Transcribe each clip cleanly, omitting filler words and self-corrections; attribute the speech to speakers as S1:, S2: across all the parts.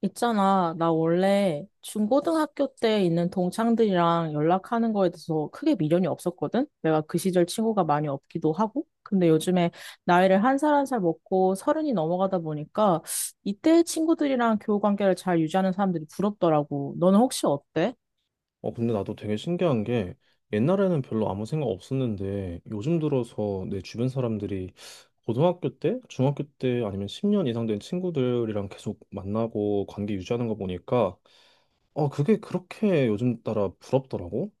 S1: 있잖아, 나 원래 중고등학교 때 있는 동창들이랑 연락하는 거에 대해서 크게 미련이 없었거든? 내가 그 시절 친구가 많이 없기도 하고. 근데 요즘에 나이를 한 살 한 살 먹고 서른이 넘어가다 보니까 이때 친구들이랑 교우 관계를 잘 유지하는 사람들이 부럽더라고. 너는 혹시 어때?
S2: 근데 나도 되게 신기한 게 옛날에는 별로 아무 생각 없었는데 요즘 들어서 내 주변 사람들이 고등학교 때, 중학교 때 아니면 10년 이상 된 친구들이랑 계속 만나고 관계 유지하는 거 보니까 그게 그렇게 요즘 따라 부럽더라고.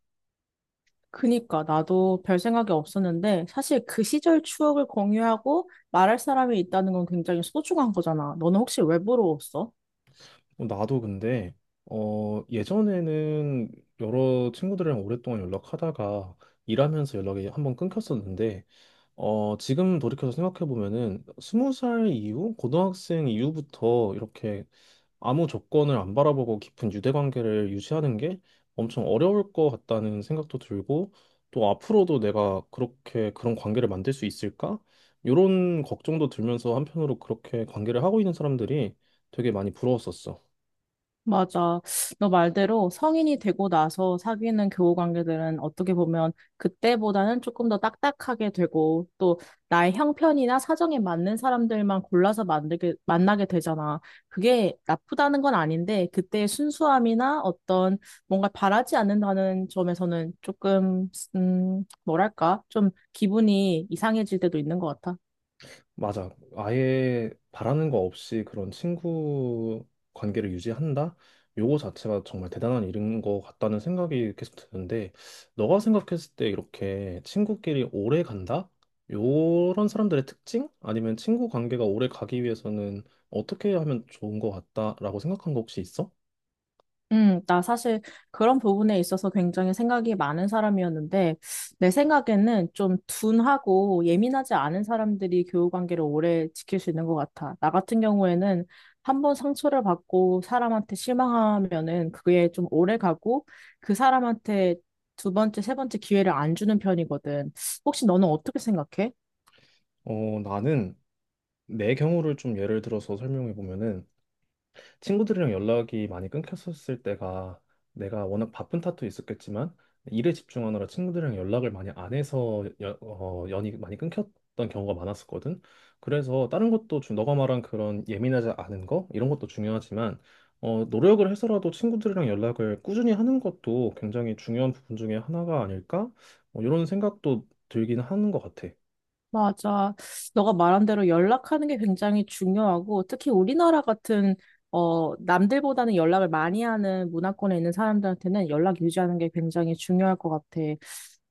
S1: 그니까 나도 별 생각이 없었는데 사실 그 시절 추억을 공유하고 말할 사람이 있다는 건 굉장히 소중한 거잖아. 너는 혹시 왜 부러웠어?
S2: 나도 근데 예전에는 여러 친구들이랑 오랫동안 연락하다가 일하면서 연락이 한번 끊겼었는데 지금 돌이켜서 생각해보면은 20살 이후, 고등학생 이후부터 이렇게 아무 조건을 안 바라보고 깊은 유대 관계를 유지하는 게 엄청 어려울 것 같다는 생각도 들고 또 앞으로도 내가 그렇게 그런 관계를 만들 수 있을까? 이런 걱정도 들면서 한편으로 그렇게 관계를 하고 있는 사람들이 되게 많이 부러웠었어.
S1: 맞아. 너 말대로 성인이 되고 나서 사귀는 교우 관계들은 어떻게 보면 그때보다는 조금 더 딱딱하게 되고 또 나의 형편이나 사정에 맞는 사람들만 골라서 만나게 되잖아. 그게 나쁘다는 건 아닌데 그때의 순수함이나 어떤 뭔가 바라지 않는다는 점에서는 조금, 뭐랄까? 좀 기분이 이상해질 때도 있는 것 같아.
S2: 맞아. 아예 바라는 거 없이 그런 친구 관계를 유지한다? 요거 자체가 정말 대단한 일인 것 같다는 생각이 계속 드는데, 너가 생각했을 때 이렇게 친구끼리 오래 간다? 요런 사람들의 특징? 아니면 친구 관계가 오래 가기 위해서는 어떻게 하면 좋은 것 같다라고 생각한 거 혹시 있어?
S1: 나 사실 그런 부분에 있어서 굉장히 생각이 많은 사람이었는데, 내 생각에는 좀 둔하고 예민하지 않은 사람들이 교우관계를 오래 지킬 수 있는 것 같아. 나 같은 경우에는 한 번 상처를 받고 사람한테 실망하면은 그게 좀 오래 가고 그 사람한테 두 번째, 세 번째 기회를 안 주는 편이거든. 혹시 너는 어떻게 생각해?
S2: 나는 내 경우를 좀 예를 들어서 설명해 보면은, 친구들이랑 연락이 많이 끊겼었을 때가 내가 워낙 바쁜 탓도 있었겠지만 일에 집중하느라 친구들이랑 연락을 많이 안 해서 연이 많이 끊겼던 경우가 많았었거든. 그래서 다른 것도 너가 말한 그런 예민하지 않은 거 이런 것도 중요하지만 노력을 해서라도 친구들이랑 연락을 꾸준히 하는 것도 굉장히 중요한 부분 중에 하나가 아닐까? 뭐 이런 생각도 들긴 하는 것 같아.
S1: 맞아. 너가 말한 대로 연락하는 게 굉장히 중요하고, 특히 우리나라 같은, 남들보다는 연락을 많이 하는 문화권에 있는 사람들한테는 연락 유지하는 게 굉장히 중요할 것 같아.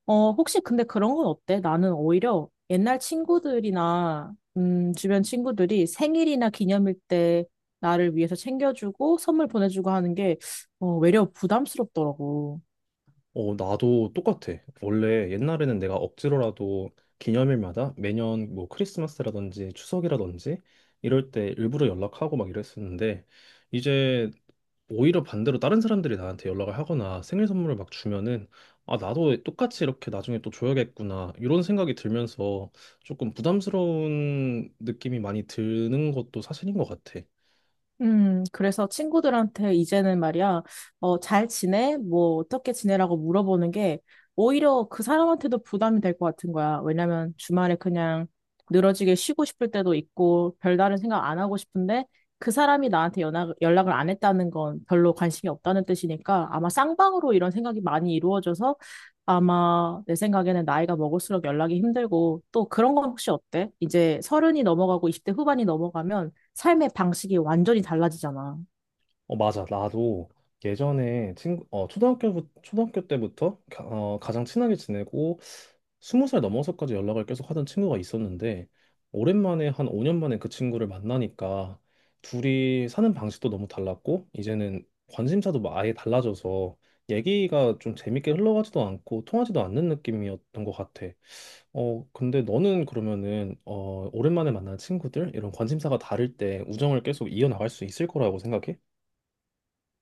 S1: 혹시 근데 그런 건 어때? 나는 오히려 옛날 친구들이나, 주변 친구들이 생일이나 기념일 때 나를 위해서 챙겨주고 선물 보내주고 하는 게, 외려 부담스럽더라고.
S2: 나도 똑같아. 원래 옛날에는 내가 억지로라도 기념일마다 매년 뭐 크리스마스라든지 추석이라든지 이럴 때 일부러 연락하고 막 이랬었는데 이제 오히려 반대로 다른 사람들이 나한테 연락을 하거나 생일 선물을 막 주면은 아, 나도 똑같이 이렇게 나중에 또 줘야겠구나 이런 생각이 들면서 조금 부담스러운 느낌이 많이 드는 것도 사실인 것 같아.
S1: 그래서 친구들한테 이제는 말이야, 잘 지내? 뭐, 어떻게 지내라고 물어보는 게 오히려 그 사람한테도 부담이 될 것 같은 거야. 왜냐면 주말에 그냥 늘어지게 쉬고 싶을 때도 있고, 별다른 생각 안 하고 싶은데 그 사람이 나한테 연락을 안 했다는 건 별로 관심이 없다는 뜻이니까 아마 쌍방으로 이런 생각이 많이 이루어져서 아마 내 생각에는 나이가 먹을수록 연락이 힘들고 또 그런 건 혹시 어때? 이제 서른이 넘어가고 20대 후반이 넘어가면 삶의 방식이 완전히 달라지잖아.
S2: 맞아. 나도 예전에 초등학교 때부터 가장 친하게 지내고 20살 넘어서까지 연락을 계속 하던 친구가 있었는데 오랜만에 한 5년 만에 그 친구를 만나니까 둘이 사는 방식도 너무 달랐고 이제는 관심사도 막 아예 달라져서 얘기가 좀 재밌게 흘러가지도 않고 통하지도 않는 느낌이었던 것 같아. 근데 너는 그러면은 오랜만에 만난 친구들 이런 관심사가 다를 때 우정을 계속 이어나갈 수 있을 거라고 생각해?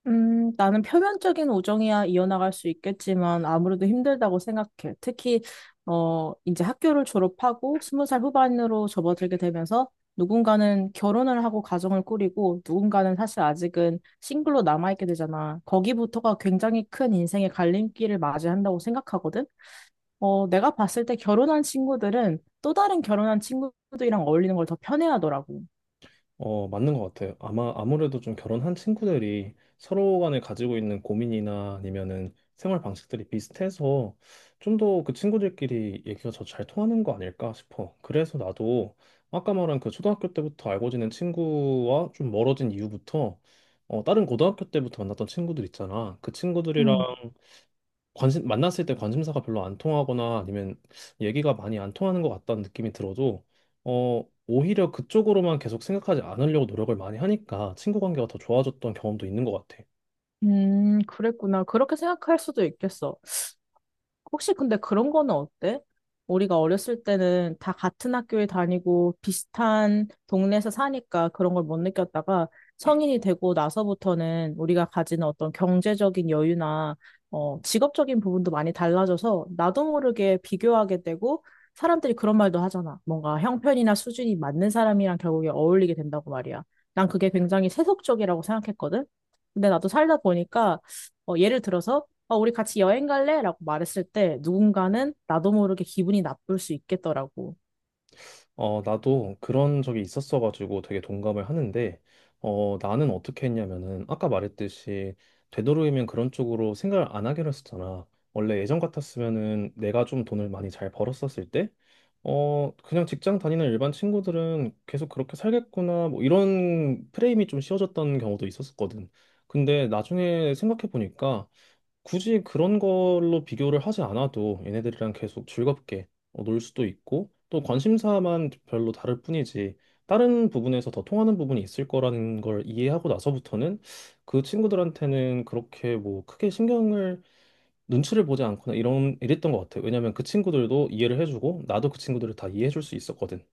S1: 나는 표면적인 우정이야 이어나갈 수 있겠지만 아무래도 힘들다고 생각해. 특히, 이제 학교를 졸업하고 스무 살 후반으로 접어들게 되면서 누군가는 결혼을 하고 가정을 꾸리고 누군가는 사실 아직은 싱글로 남아있게 되잖아. 거기부터가 굉장히 큰 인생의 갈림길을 맞이한다고 생각하거든. 내가 봤을 때 결혼한 친구들은 또 다른 결혼한 친구들이랑 어울리는 걸 더 편해하더라고.
S2: 맞는 것 같아요. 아마 아무래도 좀 결혼한 친구들이 서로 간에 가지고 있는 고민이나 아니면은 생활 방식들이 비슷해서 좀 더 그 친구들끼리 얘기가 더 잘 통하는 거 아닐까 싶어. 그래서 나도 아까 말한 그 초등학교 때부터 알고 지낸 친구와 좀 멀어진 이유부터 다른 고등학교 때부터 만났던 친구들 있잖아. 그 친구들이랑 만났을 때 관심사가 별로 안 통하거나 아니면 얘기가 많이 안 통하는 것 같다는 느낌이 들어도, 오히려 그쪽으로만 계속 생각하지 않으려고 노력을 많이 하니까 친구 관계가 더 좋아졌던 경험도 있는 것 같아.
S1: 그랬구나. 그렇게 생각할 수도 있겠어. 혹시 근데 그런 거는 어때? 우리가 어렸을 때는 다 같은 학교에 다니고 비슷한 동네에서 사니까 그런 걸 못 느꼈다가 성인이 되고 나서부터는 우리가 가지는 어떤 경제적인 여유나 직업적인 부분도 많이 달라져서 나도 모르게 비교하게 되고 사람들이 그런 말도 하잖아. 뭔가 형편이나 수준이 맞는 사람이랑 결국에 어울리게 된다고 말이야. 난 그게 굉장히 세속적이라고 생각했거든. 근데 나도 살다 보니까 예를 들어서 우리 같이 여행 갈래? 라고 말했을 때 누군가는 나도 모르게 기분이 나쁠 수 있겠더라고.
S2: 나도 그런 적이 있었어가지고 되게 동감을 하는데, 나는 어떻게 했냐면은, 아까 말했듯이, 되도록이면 그런 쪽으로 생각을 안 하기로 했었잖아. 원래 예전 같았으면은 내가 좀 돈을 많이 잘 벌었었을 때, 그냥 직장 다니는 일반 친구들은 계속 그렇게 살겠구나, 뭐 이런 프레임이 좀 씌워졌던 경우도 있었었거든. 근데 나중에 생각해보니까, 굳이 그런 걸로 비교를 하지 않아도 얘네들이랑 계속 즐겁게 놀 수도 있고 또 관심사만 별로 다를 뿐이지 다른 부분에서 더 통하는 부분이 있을 거라는 걸 이해하고 나서부터는 그 친구들한테는 그렇게 뭐 크게 신경을 눈치를 보지 않거나 이런 이랬던 것 같아요. 왜냐면 그 친구들도 이해를 해주고 나도 그 친구들을 다 이해해줄 수 있었거든.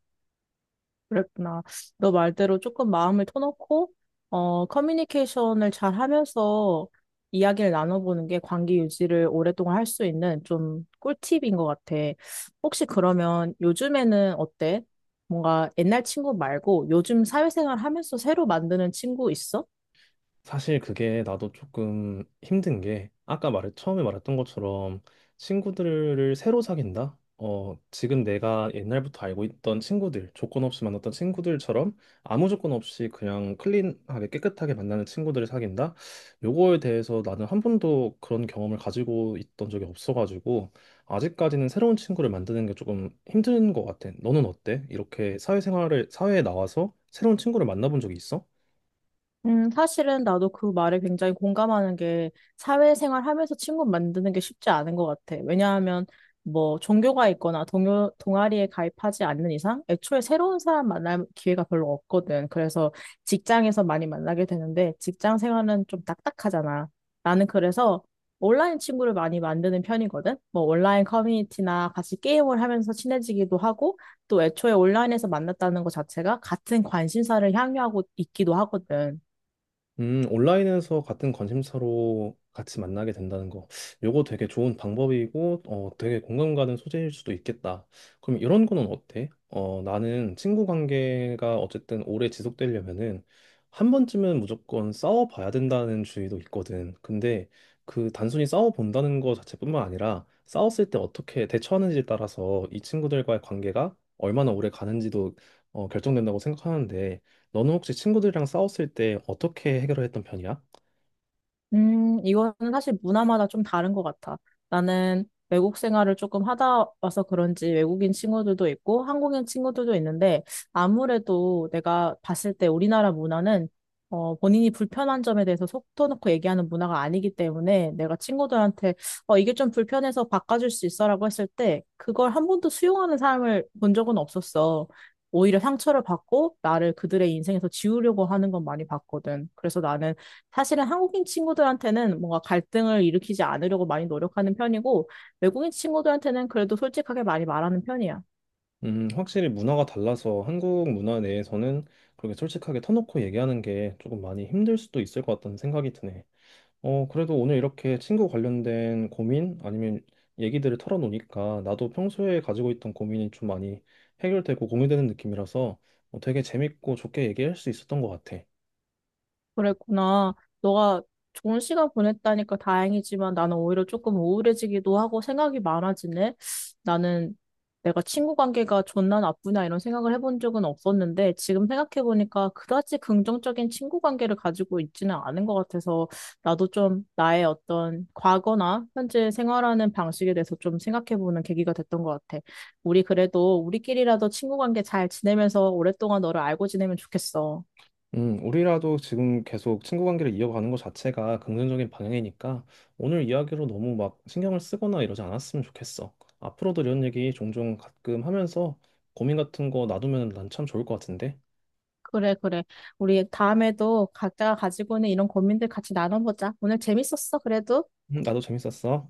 S1: 그랬구나. 너 말대로 조금 마음을 터놓고, 커뮤니케이션을 잘 하면서 이야기를 나눠보는 게 관계 유지를 오랫동안 할 수 있는 좀 꿀팁인 것 같아. 혹시 그러면 요즘에는 어때? 뭔가 옛날 친구 말고 요즘 사회생활 하면서 새로 만드는 친구 있어?
S2: 사실 그게 나도 조금 힘든 게 아까 말 처음에 말했던 것처럼 친구들을 새로 사귄다. 지금 내가 옛날부터 알고 있던 친구들, 조건 없이 만났던 친구들처럼 아무 조건 없이 그냥 클린하게 깨끗하게 만나는 친구들을 사귄다. 요거에 대해서 나는 한 번도 그런 경험을 가지고 있던 적이 없어가지고 아직까지는 새로운 친구를 만드는 게 조금 힘든 것 같아. 너는 어때? 이렇게 사회생활을 사회에 나와서 새로운 친구를 만나본 적이 있어?
S1: 사실은 나도 그 말에 굉장히 공감하는 게 사회생활 하면서 친구 만드는 게 쉽지 않은 것 같아. 왜냐하면 뭐 종교가 있거나 동아리에 가입하지 않는 이상 애초에 새로운 사람 만날 기회가 별로 없거든. 그래서 직장에서 많이 만나게 되는데 직장 생활은 좀 딱딱하잖아. 나는 그래서 온라인 친구를 많이 만드는 편이거든. 뭐 온라인 커뮤니티나 같이 게임을 하면서 친해지기도 하고 또 애초에 온라인에서 만났다는 것 자체가 같은 관심사를 향유하고 있기도 하거든.
S2: 온라인에서 같은 관심사로 같이 만나게 된다는 거. 요거 되게 좋은 방법이고, 되게 공감 가는 소재일 수도 있겠다. 그럼 이런 거는 어때? 나는 친구 관계가 어쨌든 오래 지속되려면은 한 번쯤은 무조건 싸워봐야 된다는 주의도 있거든. 근데 그 단순히 싸워본다는 거 자체뿐만 아니라 싸웠을 때 어떻게 대처하는지에 따라서 이 친구들과의 관계가 얼마나 오래 가는지도 결정된다고 생각하는데, 너는 혹시 친구들이랑 싸웠을 때 어떻게 해결했던 편이야?
S1: 이거는 사실 문화마다 좀 다른 것 같아. 나는 외국 생활을 조금 하다 와서 그런지 외국인 친구들도 있고 한국인 친구들도 있는데 아무래도 내가 봤을 때 우리나라 문화는 본인이 불편한 점에 대해서 속 터놓고 얘기하는 문화가 아니기 때문에 내가 친구들한테 이게 좀 불편해서 바꿔줄 수 있어라고 했을 때 그걸 한 번도 수용하는 사람을 본 적은 없었어. 오히려 상처를 받고 나를 그들의 인생에서 지우려고 하는 건 많이 봤거든. 그래서 나는 사실은 한국인 친구들한테는 뭔가 갈등을 일으키지 않으려고 많이 노력하는 편이고, 외국인 친구들한테는 그래도 솔직하게 많이 말하는 편이야.
S2: 확실히 문화가 달라서 한국 문화 내에서는 그렇게 솔직하게 터놓고 얘기하는 게 조금 많이 힘들 수도 있을 것 같다는 생각이 드네. 그래도 오늘 이렇게 친구 관련된 고민 아니면 얘기들을 털어놓으니까 나도 평소에 가지고 있던 고민이 좀 많이 해결되고 공유되는 느낌이라서 되게 재밌고 좋게 얘기할 수 있었던 것 같아.
S1: 그랬구나. 너가 좋은 시간 보냈다니까 다행이지만 나는 오히려 조금 우울해지기도 하고 생각이 많아지네. 나는 내가 친구 관계가 좋나 나쁘나 이런 생각을 해본 적은 없었는데 지금 생각해보니까 그다지 긍정적인 친구 관계를 가지고 있지는 않은 것 같아서 나도 좀 나의 어떤 과거나 현재 생활하는 방식에 대해서 좀 생각해보는 계기가 됐던 것 같아. 우리 그래도 우리끼리라도 친구 관계 잘 지내면서 오랫동안 너를 알고 지내면 좋겠어.
S2: 우리라도 지금 계속 친구 관계를 이어가는 것 자체가 긍정적인 방향이니까 오늘 이야기로 너무 막 신경을 쓰거나 이러지 않았으면 좋겠어. 앞으로도 이런 얘기 종종 가끔 하면서 고민 같은 거 놔두면 난 참 좋을 것 같은데.
S1: 그래, 그래. 우리 다음에도 각자가 가지고 있는 이런 고민들 같이 나눠보자. 오늘 재밌었어, 그래도.
S2: 나도 재밌었어.